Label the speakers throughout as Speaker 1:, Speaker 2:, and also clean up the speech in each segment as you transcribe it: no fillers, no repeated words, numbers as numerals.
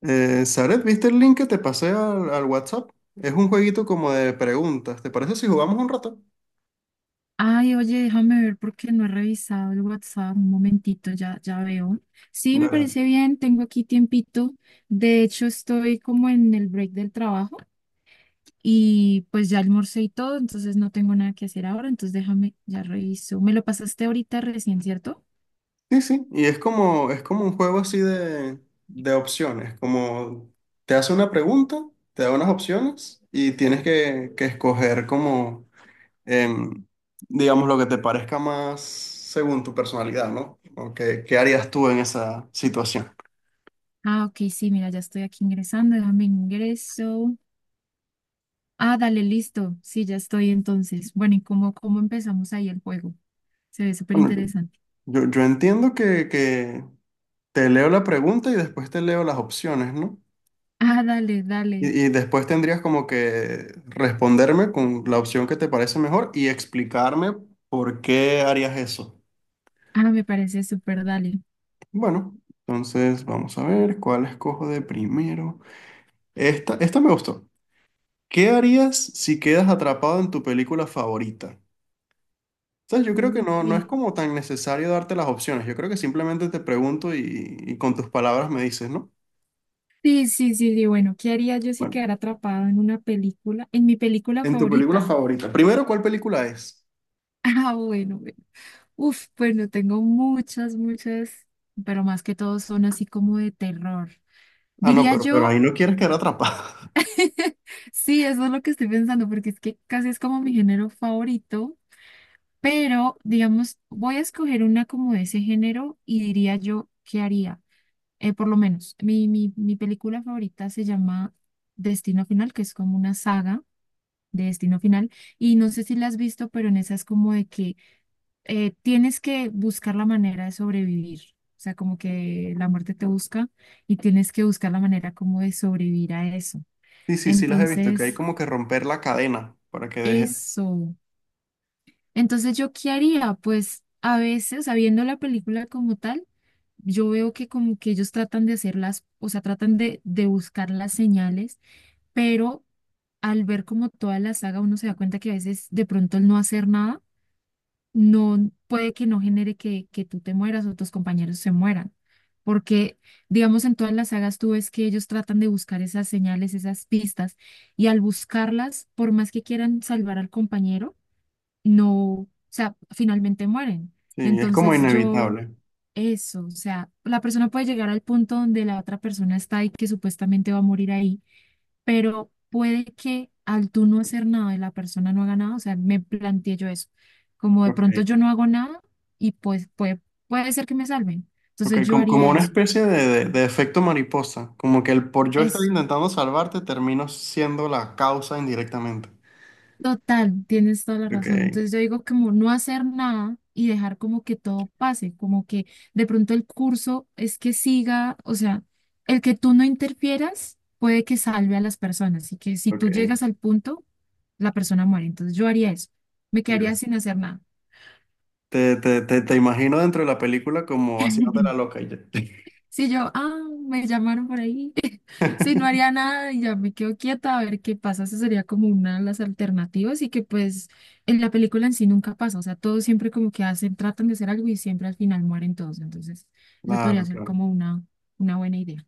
Speaker 1: Zaret, ¿viste el link que te pasé al, al WhatsApp? Es un jueguito como de preguntas. ¿Te parece si jugamos un rato?
Speaker 2: Ay, oye, déjame ver porque no he revisado el WhatsApp. Un momentito, ya veo. Sí, me
Speaker 1: Dale.
Speaker 2: parece bien, tengo aquí tiempito. De hecho, estoy como en el break del trabajo y pues ya almorcé y todo, entonces no tengo nada que hacer ahora, entonces déjame, ya reviso. Me lo pasaste ahorita recién, ¿cierto?
Speaker 1: Sí, sí. Y es como un juego así de opciones. Como te hace una pregunta, te da unas opciones y tienes que escoger como, em, digamos, lo que te parezca más según tu personalidad, ¿no? O qué, qué harías tú en esa situación.
Speaker 2: Ah, ok, sí, mira, ya estoy aquí ingresando, déjame ingreso. Ah, dale, listo. Sí, ya estoy entonces. Bueno, ¿y cómo empezamos ahí el juego? Se ve súper
Speaker 1: Bueno,
Speaker 2: interesante.
Speaker 1: yo entiendo que te leo la pregunta y después te leo las opciones, ¿no?
Speaker 2: Ah, dale, dale.
Speaker 1: Y después tendrías como que responderme con la opción que te parece mejor y explicarme por qué harías eso.
Speaker 2: Ah, me parece súper, dale.
Speaker 1: Bueno, entonces vamos a ver cuál escojo de primero. Esta me gustó. ¿Qué harías si quedas atrapado en tu película favorita? O sea, yo creo que no, no es
Speaker 2: Ok.
Speaker 1: como tan necesario darte las opciones. Yo creo que simplemente te pregunto y con tus palabras me dices, ¿no?
Speaker 2: Sí, sí, sí, sí. Bueno, ¿qué haría yo si
Speaker 1: Bueno,
Speaker 2: quedara atrapado en una película? En mi película
Speaker 1: en tu película
Speaker 2: favorita.
Speaker 1: favorita. Primero, ¿cuál película es?
Speaker 2: Ah, bueno, bueno. Uf, bueno, tengo muchas, muchas, pero más que todo son así como de terror.
Speaker 1: Ah, no,
Speaker 2: Diría
Speaker 1: pero
Speaker 2: yo,
Speaker 1: ahí no quieres quedar atrapado.
Speaker 2: sí, eso es lo que estoy pensando, porque es que casi es como mi género favorito, pero digamos, voy a escoger una como de ese género y diría yo, ¿qué haría? Por lo menos, mi película favorita se llama Destino Final, que es como una saga de Destino Final. Y no sé si la has visto, pero en esa es como de que tienes que buscar la manera de sobrevivir. O sea, como que la muerte te busca y tienes que buscar la manera como de sobrevivir a eso.
Speaker 1: Sí, sí, sí las he visto, que hay
Speaker 2: Entonces,
Speaker 1: como que romper la cadena para que deje.
Speaker 2: eso. Entonces, ¿yo qué haría? Pues a veces, sabiendo la película como tal, yo veo que como que ellos tratan de hacerlas, o sea, tratan de buscar las señales, pero al ver como toda la saga uno se da cuenta que a veces de pronto el no hacer nada no puede que no genere que tú te mueras o tus compañeros se mueran. Porque, digamos, en todas las sagas tú ves que ellos tratan de buscar esas señales, esas pistas, y al buscarlas, por más que quieran salvar al compañero, no, o sea, finalmente mueren.
Speaker 1: Sí, es como
Speaker 2: Entonces yo,
Speaker 1: inevitable.
Speaker 2: eso, o sea, la persona puede llegar al punto donde la otra persona está y que supuestamente va a morir ahí, pero puede que al tú no hacer nada y la persona no haga nada, o sea, me planteé yo eso, como de
Speaker 1: Ok.
Speaker 2: pronto yo no hago nada y pues puede ser que me salven,
Speaker 1: Ok,
Speaker 2: entonces yo
Speaker 1: como
Speaker 2: haría
Speaker 1: una
Speaker 2: eso,
Speaker 1: especie de, de efecto mariposa. Como que el por yo estar
Speaker 2: es
Speaker 1: intentando salvarte termino siendo la causa indirectamente.
Speaker 2: total, tienes toda la
Speaker 1: Ok,
Speaker 2: razón, entonces yo digo como no hacer nada y dejar como que todo pase, como que de pronto el curso es que siga, o sea, el que tú no interfieras puede que salve a las personas y que si tú
Speaker 1: ok.
Speaker 2: llegas al punto, la persona muere, entonces yo haría eso, me quedaría
Speaker 1: Dios.
Speaker 2: sin hacer nada.
Speaker 1: Te imagino dentro de la película como haciéndote la loca y ya.
Speaker 2: Si yo, ah, me llamaron por ahí. Si no haría nada y ya me quedo quieta a ver qué pasa, esa sería como una de las alternativas y que pues en la película en sí nunca pasa, o sea, todos siempre como que hacen, tratan de hacer algo y siempre al final mueren todos, entonces esa podría
Speaker 1: Claro,
Speaker 2: ser
Speaker 1: claro.
Speaker 2: como una buena idea.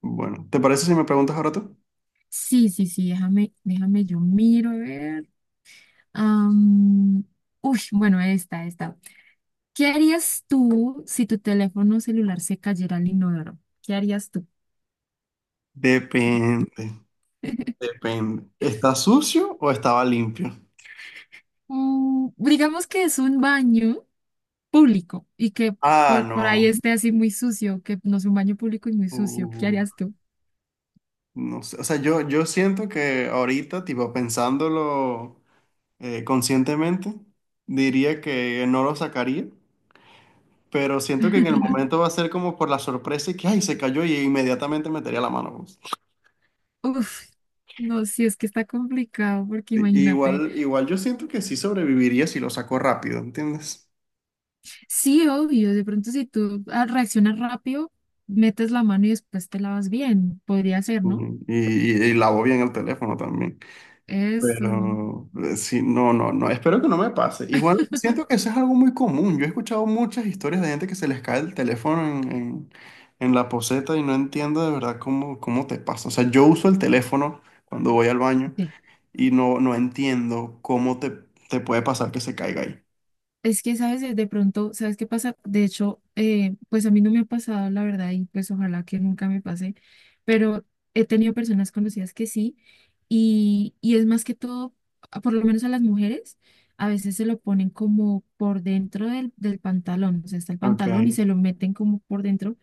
Speaker 1: Bueno, ¿te parece si me preguntas ahora tú?
Speaker 2: Sí, sí, sí, déjame, yo miro, a ver. Am, uy, bueno, esta, esta. ¿Qué harías tú si tu teléfono celular se cayera al inodoro? ¿Qué harías tú?
Speaker 1: Depende, depende. ¿Está sucio o estaba limpio?
Speaker 2: Mm, digamos que es un baño público y que
Speaker 1: Ah,
Speaker 2: por ahí
Speaker 1: no.
Speaker 2: esté así muy sucio, que no es un baño público y muy sucio. ¿Qué
Speaker 1: Uh,
Speaker 2: harías tú?
Speaker 1: No sé, o sea, yo siento que ahorita, tipo, pensándolo conscientemente, diría que no lo sacaría, pero siento que en el momento va a ser como por la sorpresa y que, ay, se cayó y inmediatamente metería la mano. Pues.
Speaker 2: Uf, no, sí es que está complicado, porque imagínate,
Speaker 1: Igual, igual yo siento que sí sobreviviría si lo saco rápido, ¿entiendes?
Speaker 2: sí, obvio, de pronto si tú reaccionas rápido, metes la mano y después te lavas bien, podría ser, ¿no?
Speaker 1: Ujú. Y lavo bien el teléfono también.
Speaker 2: Eso,
Speaker 1: Pero sí, no, no, no, espero que no me pase. Igual siento que eso es algo muy común. Yo he escuchado muchas historias de gente que se les cae el teléfono en, en la poceta y no entiendo de verdad cómo, cómo te pasa. O sea, yo uso el teléfono cuando voy al baño
Speaker 2: sí.
Speaker 1: y no, no entiendo cómo te, te puede pasar que se caiga ahí.
Speaker 2: Es que, ¿sabes? De pronto, ¿sabes qué pasa? De hecho, pues a mí no me ha pasado, la verdad, y pues ojalá que nunca me pase, pero he tenido personas conocidas que sí, y es más que todo, a- por lo menos a las mujeres, a veces se lo ponen como por dentro del pantalón, o sea, está el
Speaker 1: Ok,
Speaker 2: pantalón y se lo meten como por dentro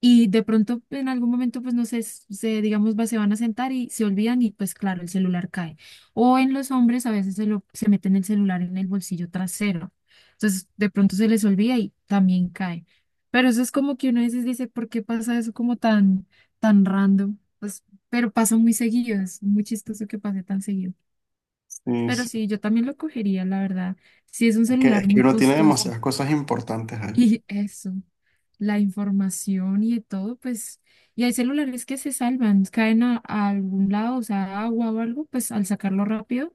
Speaker 2: y de pronto en algún momento, pues no sé, s- se, digamos, va, se van a sentar y se olvidan y pues claro, el celular cae. O en los hombres a veces se, lo, se meten el celular en el bolsillo trasero. Entonces de pronto se les olvida y también cae. Pero eso es como que uno a veces dice, ¿por qué pasa eso como tan, tan random? Pues, pero pasa muy seguido, es muy chistoso que pase tan seguido.
Speaker 1: sí,
Speaker 2: Pero
Speaker 1: sí.
Speaker 2: sí, yo también lo cogería, la verdad. Si es un celular
Speaker 1: Es que
Speaker 2: muy
Speaker 1: uno tiene
Speaker 2: costoso.
Speaker 1: demasiadas cosas importantes ahí.
Speaker 2: Y eso, la información y de todo, pues, y hay celulares que se salvan, caen a algún lado, o sea, agua o algo, pues al sacarlo rápido,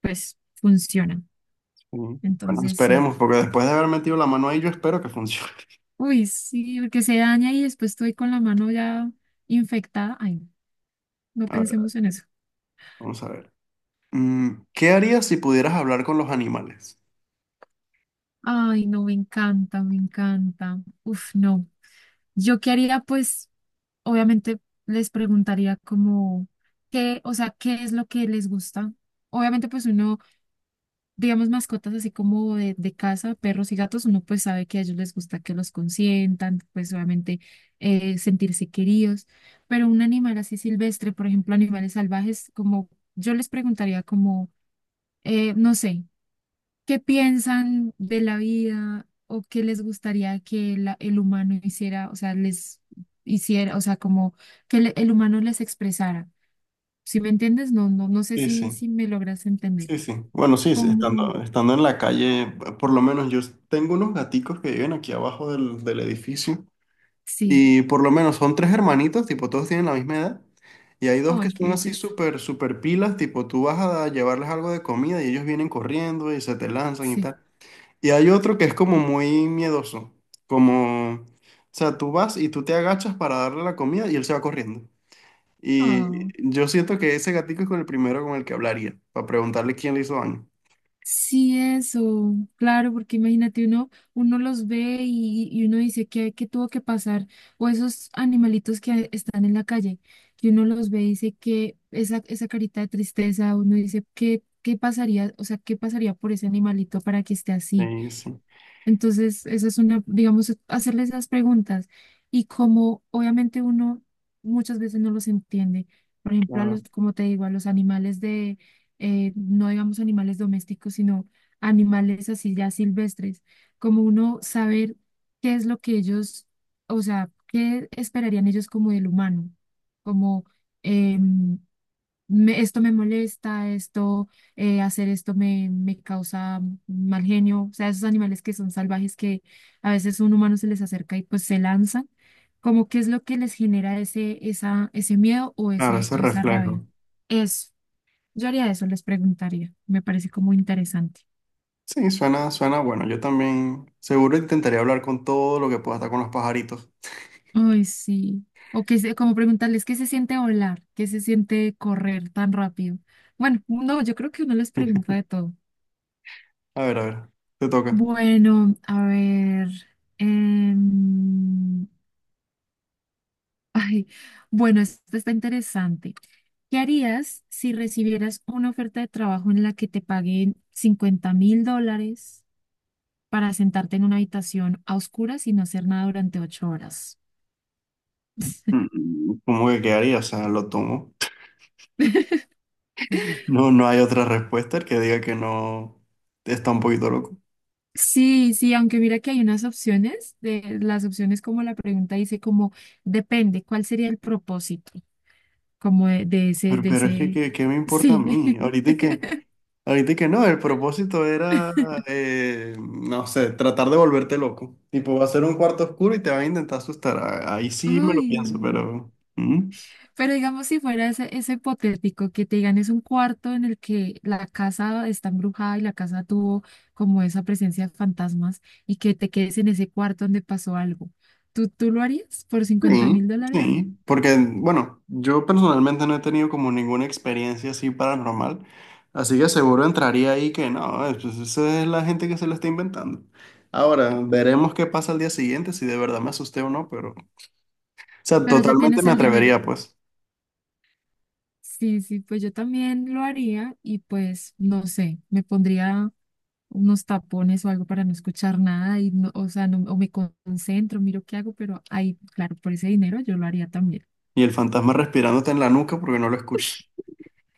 Speaker 2: pues funciona.
Speaker 1: Sí. Bueno,
Speaker 2: Entonces, sí.
Speaker 1: esperemos, porque después de haber metido la mano ahí, yo espero que funcione.
Speaker 2: Uy, sí, porque se daña y después estoy con la mano ya infectada. Ay, no
Speaker 1: A ver,
Speaker 2: pensemos en eso.
Speaker 1: vamos a ver. ¿Qué harías si pudieras hablar con los animales?
Speaker 2: Ay, no, me encanta, me encanta. Uf, no. Yo qué haría, pues, obviamente les preguntaría como, ¿qué, o sea, qué es lo que les gusta? Obviamente, pues uno digamos, mascotas así como de casa, perros y gatos, uno pues sabe que a ellos les gusta que los consientan, pues obviamente sentirse queridos, pero un animal así silvestre, por ejemplo, animales salvajes, como yo les preguntaría como, no sé, ¿qué piensan de la vida o qué les gustaría que la- el humano hiciera, o sea, les hiciera, o sea, como que le- el humano les expresara? Si me entiendes, no sé
Speaker 1: Sí,
Speaker 2: si,
Speaker 1: sí,
Speaker 2: si me logras entender.
Speaker 1: sí, sí. Bueno, sí, sí,
Speaker 2: Como,
Speaker 1: estando, estando en la calle, por lo menos yo tengo unos gaticos que viven aquí abajo del, del edificio
Speaker 2: sí.
Speaker 1: y por lo menos son tres hermanitos, tipo todos tienen la misma edad y hay dos
Speaker 2: Ay,
Speaker 1: que
Speaker 2: qué
Speaker 1: son así
Speaker 2: belleza.
Speaker 1: súper, súper pilas, tipo tú vas a llevarles algo de comida y ellos vienen corriendo y se te lanzan y
Speaker 2: Sí.
Speaker 1: tal. Y hay otro que es como muy miedoso, como, o sea, tú vas y tú te agachas para darle la comida y él se va corriendo.
Speaker 2: Ah,
Speaker 1: Y yo siento que ese gatico es con el primero con el que hablaría, para preguntarle quién le hizo daño.
Speaker 2: sí, eso. Claro, porque imagínate, uno, uno los ve y uno dice que tuvo que pasar. O esos animalitos que están en la calle, que uno los ve y dice que esa carita de tristeza, uno dice, ¿qué, qué pasaría? O sea, ¿qué pasaría por ese animalito para que esté así?
Speaker 1: Sí, sí,
Speaker 2: Entonces, esa es una, digamos, hacerle esas preguntas. Y como obviamente uno muchas veces no los entiende, por ejemplo, a
Speaker 1: claro.
Speaker 2: los, como te digo, a los animales de, no digamos animales domésticos, sino animales así ya silvestres, como uno saber qué es lo que ellos, o sea, qué esperarían ellos como del humano, como, em, me- esto me molesta, esto, hacer esto me, me causa mal genio. O sea, esos animales que son salvajes que a veces un humano se les acerca y pues se lanzan, como qué es lo que les genera ese, esa, ese miedo o
Speaker 1: Claro,
Speaker 2: ese,
Speaker 1: ese
Speaker 2: esa rabia.
Speaker 1: reflejo.
Speaker 2: Eso, yo haría eso, les preguntaría. Me parece como interesante.
Speaker 1: Sí, suena, suena bueno. Yo también seguro intentaría hablar con todo lo que pueda estar con los pajaritos.
Speaker 2: Ay, sí. O que se- como preguntarles qué se siente volar, qué se siente correr tan rápido. Bueno, no, yo creo que uno les pregunta de todo.
Speaker 1: A ver, te toca.
Speaker 2: Bueno, a ver. em, ay, bueno, esto está interesante. ¿Qué harías si recibieras una oferta de trabajo en la que te paguen $50.000 para sentarte en una habitación a oscuras y no hacer nada durante 8 horas?
Speaker 1: ¿Cómo que quedaría? O sea, lo tomo. No, no hay otra respuesta el que diga que no está un poquito loco.
Speaker 2: Sí, sí, aunque mira que hay unas opciones, de, las opciones como la pregunta dice como depende, ¿cuál sería el propósito? Como de ese, de
Speaker 1: Pero es
Speaker 2: ese,
Speaker 1: que, ¿qué me importa a
Speaker 2: sí.
Speaker 1: mí? Ahorita que ahorita que no, el propósito era, no sé, tratar de volverte loco. Tipo, va a ser un cuarto oscuro y te va a intentar asustar. Ahí sí me
Speaker 2: Uy.
Speaker 1: lo pienso, pero
Speaker 2: Pero digamos, si fuera ese, ese hipotético que te digan es un cuarto en el que la casa está embrujada y la casa tuvo como esa presencia de fantasmas y que te quedes en ese cuarto donde pasó algo, ¿tú lo harías por cincuenta
Speaker 1: sí,
Speaker 2: mil dólares?
Speaker 1: sí. Porque, bueno, yo personalmente no he tenido como ninguna experiencia así paranormal. Así que seguro entraría ahí que no, pues esa es la gente que se lo está inventando. Ahora, veremos qué pasa al día siguiente, si de verdad me asusté o no, pero... O sea,
Speaker 2: Pero ya
Speaker 1: totalmente
Speaker 2: tienes
Speaker 1: me
Speaker 2: el dinero.
Speaker 1: atrevería, pues.
Speaker 2: Sí, sí, pues yo también lo haría y pues no sé, me pondría unos tapones o algo para no escuchar nada y no, o sea, no- o me concentro, miro qué hago, pero ahí, claro, por ese dinero yo lo haría también.
Speaker 1: Y el fantasma respirándote en la nuca porque no lo escuchas.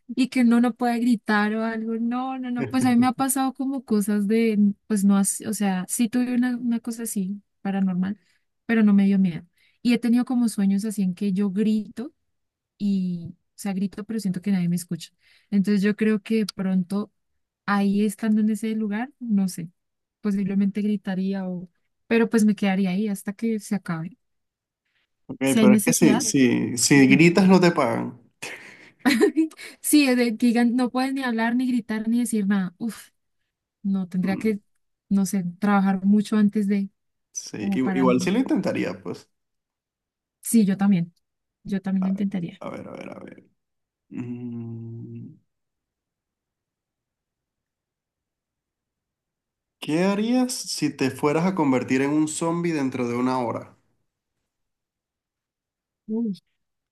Speaker 2: Y que uno no puede gritar o algo. No, no, no, pues a mí me ha pasado como cosas de, pues no, as- o sea, sí tuve una cosa así, paranormal, pero no me dio miedo. Y he tenido como sueños así en que yo grito y, o sea, grito, pero siento que nadie me escucha. Entonces yo creo que de pronto ahí estando en ese lugar, no sé, posiblemente gritaría o, pero pues me quedaría ahí hasta que se acabe.
Speaker 1: Ok,
Speaker 2: Si hay
Speaker 1: pero es que si,
Speaker 2: necesidad,
Speaker 1: si, si gritas no te pagan.
Speaker 2: sí, de- digan, no pueden ni hablar, ni gritar, ni decir nada. Uf, no, tendría
Speaker 1: Mm,
Speaker 2: que, no sé, trabajar mucho antes de,
Speaker 1: Sí,
Speaker 2: como para...
Speaker 1: igual sí lo intentaría, pues.
Speaker 2: Sí, yo también. Yo también
Speaker 1: A,
Speaker 2: lo intentaría.
Speaker 1: a ver, a ver, a ver. Mm, ¿Qué harías si te fueras a convertir en un zombie dentro de una hora?
Speaker 2: Uy,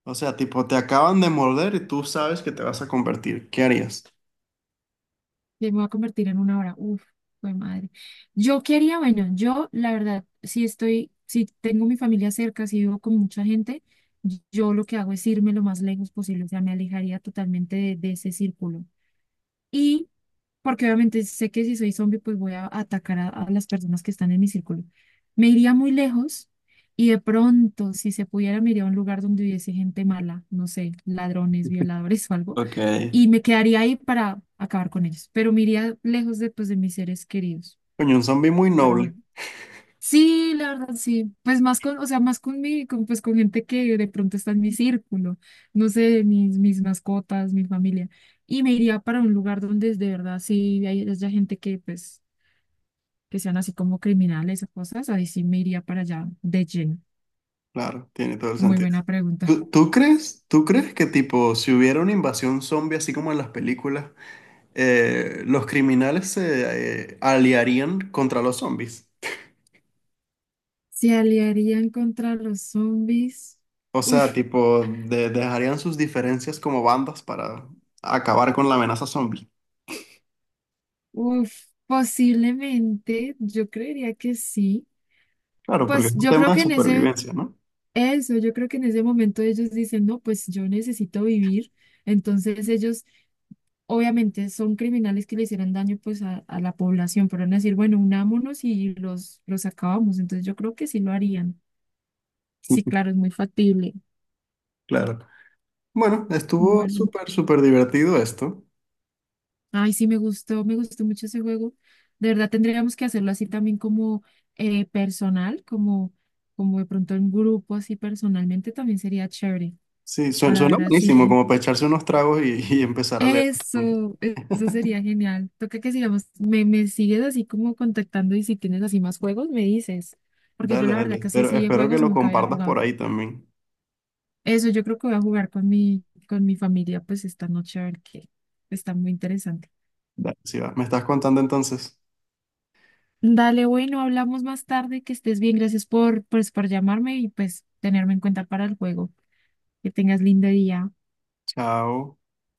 Speaker 1: O sea, tipo, te acaban de morder y tú sabes que te vas a convertir. ¿Qué harías?
Speaker 2: me voy a convertir en 1 hora. Uf, fue madre. Yo quería, bueno, yo la verdad, si estoy, si tengo mi familia cerca, si vivo con mucha gente, yo lo que hago es irme lo más lejos posible. O sea, me alejaría totalmente de ese círculo. Y porque obviamente sé que si soy zombie, pues voy a atacar a las personas que están en mi círculo. Me iría muy lejos y de pronto, si se pudiera, me iría a un lugar donde hubiese gente mala, no sé, ladrones, violadores o algo,
Speaker 1: Ok.
Speaker 2: y me quedaría ahí para acabar con ellos, pero me iría lejos de, pues, de mis seres queridos,
Speaker 1: Coño, un zombie muy
Speaker 2: para
Speaker 1: noble.
Speaker 2: nada. Sí, la verdad, sí. Pues más con, o sea, más con mi, con, pues con gente que de pronto está en mi círculo, no sé, mis mascotas, mi familia. Y me iría para un lugar donde de verdad sí hay- haya gente que, pues, que sean así como criminales o cosas, ahí sí me iría para allá de lleno.
Speaker 1: Claro, tiene todo el
Speaker 2: Muy
Speaker 1: sentido.
Speaker 2: buena pregunta.
Speaker 1: ¿Tú, tú crees, ¿tú crees que tipo, si hubiera una invasión zombie así como en las películas los criminales se aliarían contra los zombies?
Speaker 2: ¿Se aliarían contra los zombies?
Speaker 1: O sea,
Speaker 2: Uf,
Speaker 1: tipo, dejarían sus diferencias como bandas para acabar con la amenaza zombie.
Speaker 2: uf, posiblemente, yo creería que sí.
Speaker 1: Claro, porque
Speaker 2: Pues
Speaker 1: es un
Speaker 2: yo creo
Speaker 1: tema de
Speaker 2: que en ese,
Speaker 1: supervivencia, ¿no?
Speaker 2: eso, yo creo que en ese momento ellos dicen, no, pues yo necesito vivir. Entonces ellos obviamente son criminales que le hicieron daño pues a la población, pero van a decir, bueno, unámonos y los acabamos. Entonces yo creo que sí lo harían. Sí, claro, es muy factible.
Speaker 1: Claro. Bueno, estuvo
Speaker 2: Bueno,
Speaker 1: súper, súper divertido esto.
Speaker 2: ay, sí, me gustó mucho ese juego. De verdad tendríamos que hacerlo así también como personal, como, como de pronto en grupo, así personalmente también sería chévere
Speaker 1: Sí,
Speaker 2: para
Speaker 1: suena
Speaker 2: ver
Speaker 1: buenísimo,
Speaker 2: así.
Speaker 1: como para echarse unos tragos y, y empezar a leer.
Speaker 2: Eso sería genial. Toca que sigamos, me sigues así como contactando y si tienes así más juegos, me dices. Porque yo
Speaker 1: Dale,
Speaker 2: la
Speaker 1: dale.
Speaker 2: verdad casi
Speaker 1: Espero,
Speaker 2: así de
Speaker 1: espero que
Speaker 2: juegos
Speaker 1: lo
Speaker 2: nunca había
Speaker 1: compartas por
Speaker 2: jugado.
Speaker 1: ahí también.
Speaker 2: Eso yo creo que voy a jugar con mi familia pues esta noche a ver qué. Está muy interesante.
Speaker 1: Dale, sí va. Me estás contando entonces.
Speaker 2: Dale, bueno, hablamos más tarde, que estés bien. Gracias por, pues, por llamarme y pues tenerme en cuenta para el juego. Que tengas lindo día.
Speaker 1: Chao.